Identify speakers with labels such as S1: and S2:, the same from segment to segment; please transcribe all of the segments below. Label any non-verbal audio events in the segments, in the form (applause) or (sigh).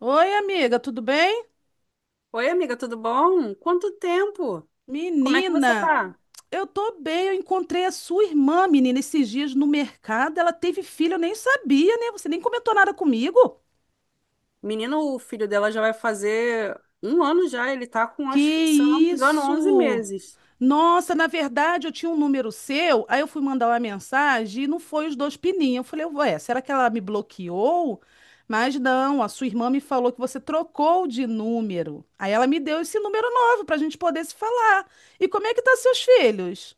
S1: Oi, amiga, tudo bem?
S2: Oi, amiga, tudo bom? Quanto tempo? Como é que você
S1: Menina,
S2: tá?
S1: eu tô bem. Eu encontrei a sua irmã, menina, esses dias no mercado. Ela teve filho, eu nem sabia, né? Você nem comentou nada comigo.
S2: Menino, o filho dela já vai fazer um ano já, ele tá com,
S1: Que
S2: acho, se eu não me engano, onze
S1: isso?
S2: meses.
S1: Nossa, na verdade, eu tinha um número seu, aí eu fui mandar uma mensagem e não foi os dois pininhos. Eu falei, ué, será que ela me bloqueou? Mas não, a sua irmã me falou que você trocou de número. Aí ela me deu esse número novo pra gente poder se falar. E como é que tá seus filhos?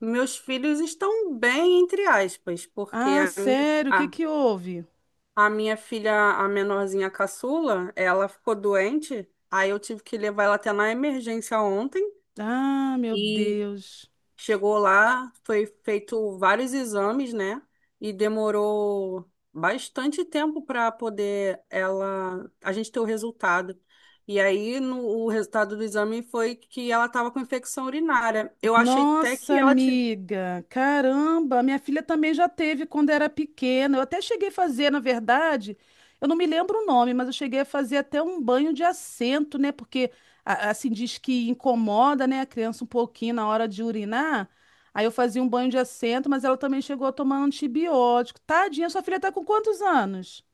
S2: Meus filhos estão bem, entre aspas, porque
S1: Ah, sério? O que
S2: a,
S1: que houve?
S2: a minha filha, a menorzinha caçula, ela ficou doente, aí eu tive que levar ela até na emergência ontem.
S1: Ah, meu Deus.
S2: Chegou lá, foi feito vários exames, né? E demorou bastante tempo para poder ela a gente ter o resultado. E aí no, o resultado do exame foi que ela estava com infecção urinária. Eu achei até
S1: Nossa,
S2: que ela.
S1: amiga, caramba, minha filha também já teve quando era pequena. Eu até cheguei a fazer, na verdade, eu não me lembro o nome, mas eu cheguei a fazer até um banho de assento, né? Porque assim diz que incomoda, né, a criança um pouquinho na hora de urinar. Aí eu fazia um banho de assento, mas ela também chegou a tomar antibiótico. Tadinha, sua filha tá com quantos anos?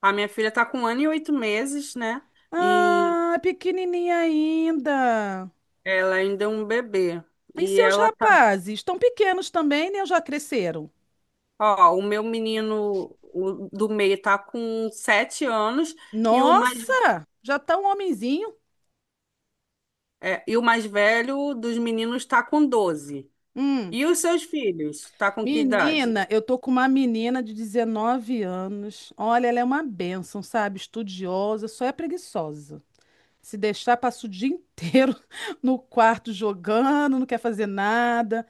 S2: A minha filha está com 1 ano e 8 meses, né? E
S1: Ah, é pequenininha ainda.
S2: ela ainda é um bebê.
S1: E
S2: E
S1: seus
S2: ela tá,
S1: rapazes? Estão pequenos também, né? Ou já cresceram?
S2: Ó, o meu menino, o do meio, tá com 7 anos. e o mais
S1: Nossa! Já tá um homenzinho?
S2: É, e o mais velho dos meninos está com 12.
S1: Hum.
S2: E os seus filhos? Tá com que idade?
S1: Menina, eu tô com uma menina de 19 anos. Olha, ela é uma bênção, sabe? Estudiosa, só é preguiçosa. Se deixar, passa o dia inteiro (laughs) no quarto jogando, não quer fazer nada.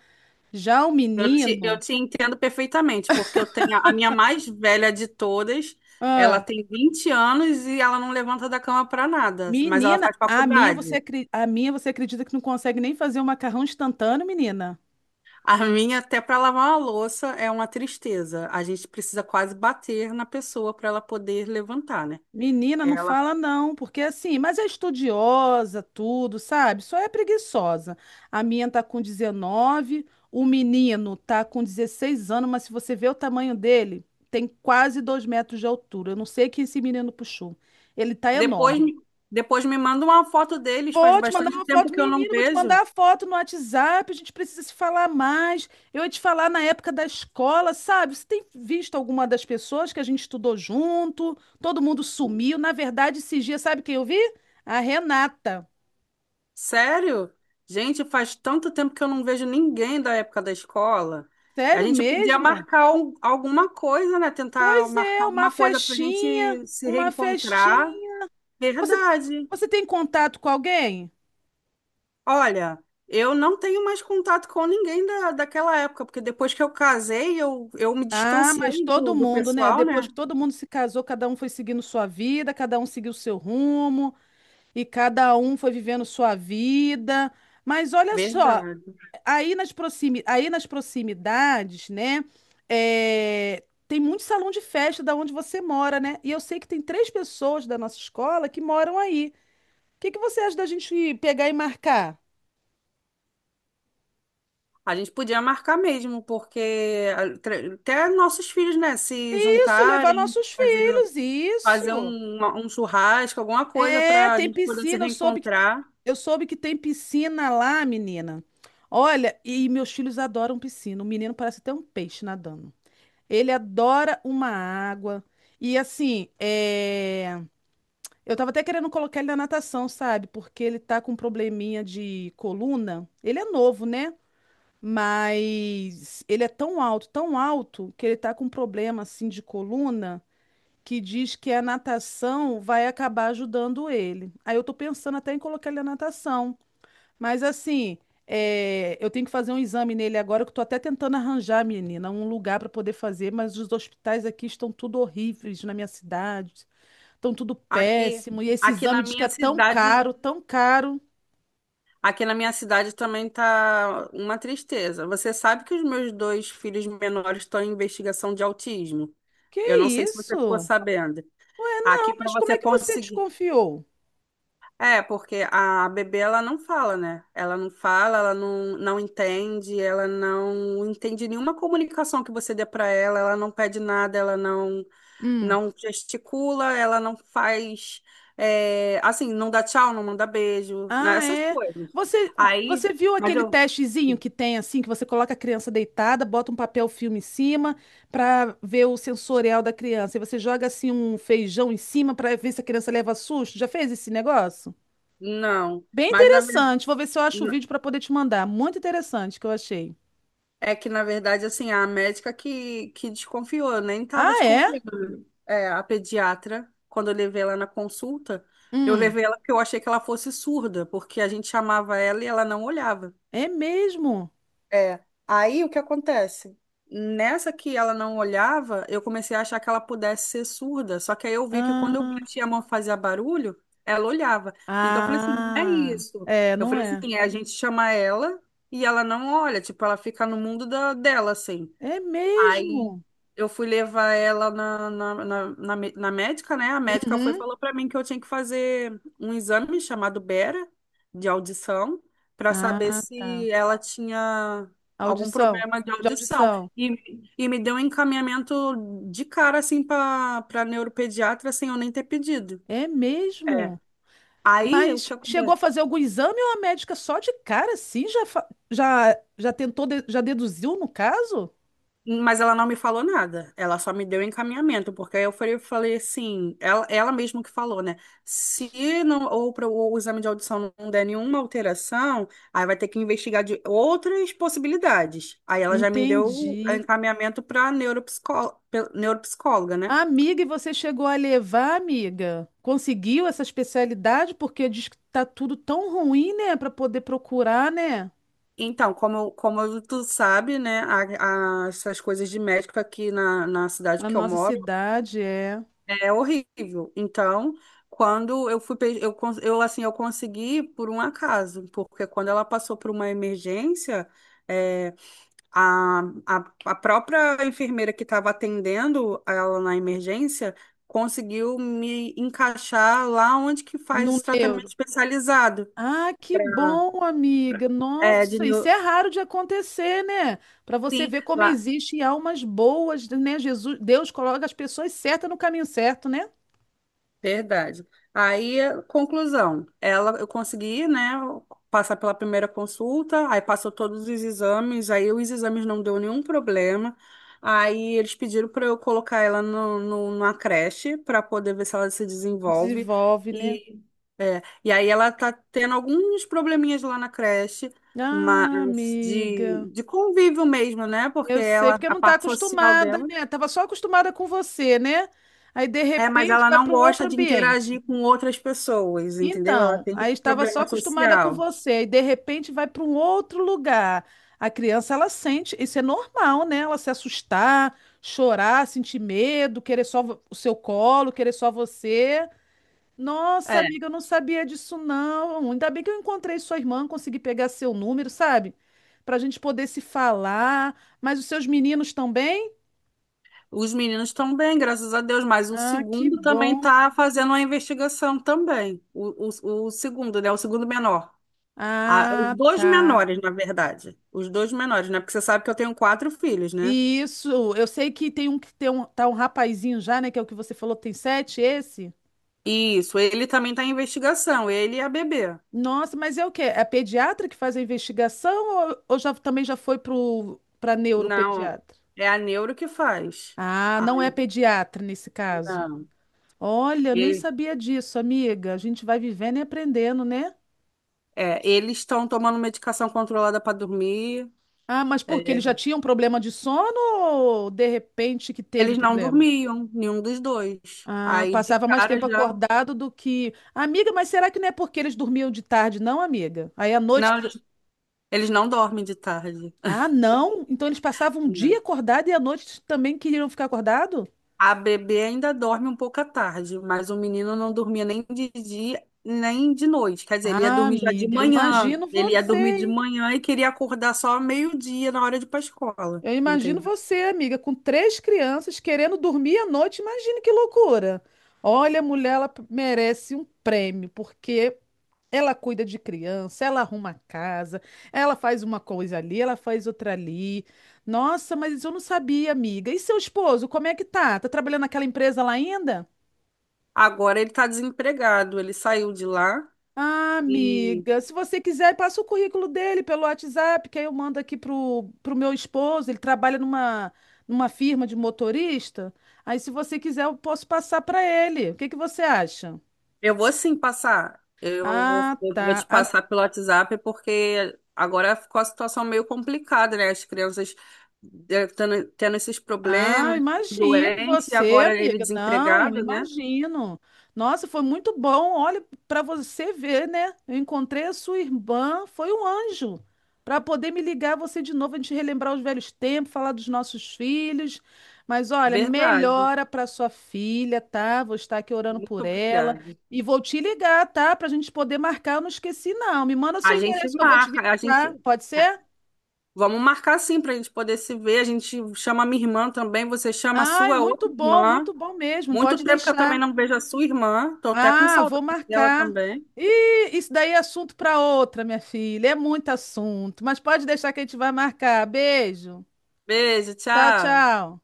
S1: Já o
S2: Eu te, eu
S1: menino,
S2: te entendo perfeitamente, porque eu tenho a minha mais velha de todas, ela
S1: ah,
S2: tem 20 anos e ela não levanta da cama para nada, mas ela
S1: menina,
S2: faz faculdade.
S1: a minha você acredita que não consegue nem fazer um macarrão instantâneo, menina?
S2: A minha, até para lavar uma louça, é uma tristeza. A gente precisa quase bater na pessoa para ela poder levantar, né?
S1: Menina, não
S2: Ela
S1: fala não, porque assim, mas é estudiosa, tudo, sabe? Só é preguiçosa. A minha tá com 19, o menino tá com 16 anos, mas se você ver o tamanho dele, tem quase 2 metros de altura. Eu não sei quem esse menino puxou. Ele tá
S2: depois,
S1: enorme.
S2: me- depois me manda uma foto deles, faz
S1: Vou te mandar
S2: bastante
S1: uma
S2: tempo
S1: foto,
S2: que eu não
S1: menino, vou te
S2: vejo.
S1: mandar a foto no WhatsApp, a gente precisa se falar mais. Eu ia te falar na época da escola, sabe? Você tem visto alguma das pessoas que a gente estudou junto? Todo mundo sumiu. Na verdade, esses dias, sabe quem eu vi? A Renata.
S2: Sério? Gente, faz tanto tempo que eu não vejo ninguém da época da escola. A
S1: Sério
S2: gente podia
S1: mesmo?
S2: marcar alguma coisa, né? Tentar
S1: Pois
S2: marcar
S1: é, uma
S2: alguma coisa para a
S1: festinha,
S2: gente se
S1: uma
S2: reencontrar.
S1: festinha. Você,
S2: Verdade.
S1: você tem contato com alguém?
S2: Olha, eu não tenho mais contato com ninguém daquela época, porque depois que eu casei, eu me
S1: Ah, mas
S2: distanciei
S1: todo
S2: do
S1: mundo, né?
S2: pessoal,
S1: Depois
S2: né?
S1: que todo mundo se casou, cada um foi seguindo sua vida, cada um seguiu seu rumo. E cada um foi vivendo sua vida. Mas olha só,
S2: Verdade.
S1: aí nas proximidades, né? É, tem muito salão de festa da onde você mora, né? E eu sei que tem três pessoas da nossa escola que moram aí. O que que você acha da gente pegar e marcar?
S2: A gente podia marcar mesmo, porque até nossos filhos, né, se
S1: Isso, levar
S2: juntarem,
S1: nossos
S2: fazer.
S1: filhos,
S2: Fazer
S1: isso.
S2: um churrasco, alguma coisa
S1: É,
S2: para a
S1: tem
S2: gente poder se
S1: piscina,
S2: reencontrar.
S1: eu soube que tem piscina lá, menina. Olha, e meus filhos adoram piscina. O menino parece até um peixe nadando. Ele adora uma água. E assim, é, eu tava até querendo colocar ele na natação, sabe? Porque ele tá com um probleminha de coluna. Ele é novo, né? Mas ele é tão alto, que ele tá com um problema assim de coluna que diz que a natação vai acabar ajudando ele. Aí eu tô pensando até em colocar ele na natação. Mas assim, é, eu tenho que fazer um exame nele agora, que eu tô até tentando arranjar, menina, um lugar para poder fazer, mas os hospitais aqui estão tudo horríveis na minha cidade, estão tudo
S2: Aqui,
S1: péssimo, e esse
S2: aqui na
S1: exame diz que é
S2: minha
S1: tão
S2: cidade,
S1: caro, tão caro.
S2: aqui na minha cidade também tá uma tristeza. Você sabe que os meus dois filhos menores estão em investigação de autismo.
S1: Que
S2: Eu não sei se você ficou
S1: isso?
S2: sabendo.
S1: Ué,
S2: Aqui
S1: não,
S2: para
S1: mas como
S2: você
S1: é que você
S2: conseguir.
S1: desconfiou?
S2: É, porque a bebê ela não fala, né? Ela não fala, ela não entende, ela não entende nenhuma comunicação que você dê para ela, ela não pede nada, ela não
S1: Hum.
S2: não gesticula, ela não faz, assim, não dá tchau, não manda beijo, né?
S1: Ah,
S2: Essas
S1: é.
S2: coisas.
S1: Você,
S2: Aí,
S1: você viu
S2: mas
S1: aquele
S2: eu,
S1: testezinho que tem assim, que você coloca a criança deitada, bota um papel filme em cima para ver o sensorial da criança. E você joga assim um feijão em cima para ver se a criança leva susto. Já fez esse negócio?
S2: não.
S1: Bem
S2: Mas
S1: interessante. Vou ver se eu acho o vídeo para poder te mandar. Muito interessante que eu achei.
S2: é que, na verdade, assim, a médica que desconfiou, nem tava
S1: Ah, é?
S2: desconfiando. É, a pediatra, quando eu levei ela na consulta, eu
S1: Hum,
S2: levei ela porque eu achei que ela fosse surda, porque a gente chamava ela e ela não olhava.
S1: é mesmo?
S2: É. Aí o que acontece? Nessa que ela não olhava, eu comecei a achar que ela pudesse ser surda. Só que aí eu vi que quando eu
S1: Ah,
S2: batia a mão e fazia barulho, ela olhava. Então eu falei assim, não é
S1: ah,
S2: isso.
S1: é,
S2: Eu
S1: não
S2: falei assim,
S1: é?
S2: é a gente chamar ela e ela não olha, tipo, ela fica no mundo dela, assim.
S1: É
S2: Aí
S1: mesmo?
S2: eu fui levar ela na médica, né? A médica foi e
S1: Uhum.
S2: falou para mim que eu tinha que fazer um exame chamado Bera, de audição, para saber
S1: Ah, tá.
S2: se ela tinha algum
S1: Audição.
S2: problema de
S1: De
S2: audição.
S1: audição.
S2: E, e me deu um encaminhamento de cara, assim, para neuropediatra, sem eu nem ter pedido.
S1: É
S2: É.
S1: mesmo?
S2: Aí, o
S1: Mas
S2: que
S1: chegou a
S2: acontece?
S1: fazer algum exame ou a médica só de cara, assim, já, já, já tentou, já deduziu no caso?
S2: Mas ela não me falou nada, ela só me deu encaminhamento, porque aí eu falei assim, ela mesma que falou, né? Se não, o exame de audição não der nenhuma alteração, aí vai ter que investigar de outras possibilidades. Aí ela já me deu o
S1: Entendi.
S2: encaminhamento para neuropsicóloga, né?
S1: Amiga, e você chegou a levar, amiga? Conseguiu essa especialidade? Porque diz que tá tudo tão ruim, né? Para poder procurar, né?
S2: Então, como tu sabe, né, essas coisas de médico aqui na cidade
S1: Na
S2: que eu
S1: nossa
S2: moro.
S1: cidade, é.
S2: É horrível. Então, quando eu fui, eu consegui por um acaso, porque quando ela passou por uma emergência, é, a, a própria enfermeira que estava atendendo ela na emergência conseguiu me encaixar lá onde que faz
S1: No
S2: os tratamentos
S1: neuro.
S2: especializados.
S1: Ah, que
S2: Ah.
S1: bom, amiga.
S2: É.
S1: Nossa, isso é raro de acontecer, né? Para você
S2: Sim.
S1: ver como existem almas boas, né? Jesus, Deus coloca as pessoas certas no caminho certo, né?
S2: Verdade. Aí, conclusão, eu consegui, né, passar pela primeira consulta, aí passou todos os exames, aí os exames não deu nenhum problema, aí eles pediram para eu colocar ela no, no, numa creche para poder ver se ela se desenvolve,
S1: Desenvolve, né?
S2: e, e aí ela tá tendo alguns probleminhas lá na creche,
S1: Ah,
S2: mas
S1: amiga.
S2: de convívio mesmo, né, porque
S1: Eu sei,
S2: ela,
S1: porque
S2: a
S1: não tá
S2: parte social
S1: acostumada,
S2: dela
S1: né? Tava só acostumada com você, né? Aí de
S2: é, mas
S1: repente
S2: ela
S1: vai
S2: não
S1: para um
S2: gosta
S1: outro
S2: de
S1: ambiente.
S2: interagir com outras pessoas, entendeu? Ela
S1: Então,
S2: tem
S1: aí
S2: esse
S1: estava só
S2: problema
S1: acostumada com
S2: social.
S1: você, e de repente vai para um outro lugar. A criança, ela sente, isso é normal, né? Ela se assustar, chorar, sentir medo, querer só o seu colo, querer só você. Nossa,
S2: É,
S1: amiga, eu não sabia disso, não. Ainda bem que eu encontrei sua irmã, consegui pegar seu número, sabe? Para a gente poder se falar. Mas os seus meninos também?
S2: os meninos estão bem, graças a Deus, mas o
S1: Ah, que
S2: segundo também
S1: bom.
S2: está fazendo uma investigação também. O segundo, né? O segundo menor. Ah, os
S1: Ah,
S2: dois
S1: tá.
S2: menores, na verdade. Os dois menores, né? Porque você sabe que eu tenho quatro filhos, né?
S1: Isso, eu sei que tem um, tá um rapazinho já, né? Que é o que você falou, tem 7, esse?
S2: Isso, ele também está em investigação, ele e a bebê.
S1: Nossa, mas é o quê? É pediatra que faz a investigação ou já, também já foi pro, pra
S2: Não,
S1: neuropediatra?
S2: é a neuro que faz.
S1: Ah, não é
S2: Ai,
S1: pediatra nesse caso.
S2: não.
S1: Olha, eu nem sabia disso, amiga. A gente vai vivendo e aprendendo, né?
S2: É, eles estão tomando medicação controlada para dormir.
S1: Ah, mas por quê? Ele já
S2: É,
S1: tinha um problema de sono ou de repente que teve
S2: eles não
S1: problema?
S2: dormiam, nenhum dos dois.
S1: Ah,
S2: Aí de
S1: passava mais
S2: cara
S1: tempo
S2: já.
S1: acordado do que. Amiga, mas será que não é porque eles dormiam de tarde, não, amiga? Aí à noite.
S2: Não, eles não dormem de tarde,
S1: Ah, não? Então eles passavam um
S2: né?
S1: dia acordado e à noite também queriam ficar acordado?
S2: A bebê ainda dorme um pouco à tarde, mas o menino não dormia nem de dia, nem de noite. Quer dizer, ele ia
S1: Ah,
S2: dormir já de
S1: amiga, eu
S2: manhã.
S1: imagino
S2: Ele ia
S1: você,
S2: dormir de
S1: hein?
S2: manhã e queria acordar só ao meio-dia na hora de ir para escola,
S1: Eu imagino
S2: entendeu?
S1: você, amiga, com três crianças querendo dormir à noite. Imagina que loucura. Olha, a mulher, ela merece um prêmio, porque ela cuida de criança, ela arruma a casa, ela faz uma coisa ali, ela faz outra ali. Nossa, mas eu não sabia, amiga. E seu esposo, como é que tá? Tá trabalhando naquela empresa lá ainda?
S2: Agora ele está desempregado, ele saiu de lá.
S1: Ah,
S2: E.
S1: amiga, se você quiser, passa o currículo dele pelo WhatsApp, que aí eu mando aqui pro meu esposo. Ele trabalha numa, numa firma de motorista. Aí, se você quiser, eu posso passar para ele. O que que você acha?
S2: Eu vou sim passar. Eu vou,
S1: Ah,
S2: eu vou
S1: tá.
S2: te passar pelo WhatsApp porque agora ficou a situação meio complicada, né? As crianças tendo esses
S1: Ah,
S2: problemas,
S1: imagino.
S2: doentes, e
S1: Você,
S2: agora ele
S1: amiga? Não,
S2: desempregado, né?
S1: imagino. Nossa, foi muito bom. Olha, para você ver, né? Eu encontrei a sua irmã, foi um anjo. Para poder me ligar você de novo, a gente relembrar os velhos tempos, falar dos nossos filhos. Mas olha,
S2: Verdade.
S1: melhora para sua filha, tá? Vou estar aqui orando por
S2: Muito
S1: ela.
S2: obrigada.
S1: E vou te ligar, tá? Para a gente poder marcar. Eu não esqueci, não. Me manda
S2: A
S1: seu
S2: gente
S1: endereço que eu vou te
S2: marca, a
S1: visitar.
S2: gente.
S1: Pode ser?
S2: Vamos marcar sim para a gente poder se ver. A gente chama a minha irmã também, você chama a
S1: Ai,
S2: sua outra irmã.
S1: muito bom mesmo.
S2: Muito
S1: Pode
S2: tempo que eu
S1: deixar.
S2: também não vejo a sua irmã. Tô até com
S1: Ah, vou
S2: saudade dela
S1: marcar.
S2: também.
S1: Ih, isso daí é assunto para outra, minha filha. É muito assunto, mas pode deixar que a gente vai marcar. Beijo.
S2: Beijo,
S1: Tchau,
S2: tchau.
S1: tchau.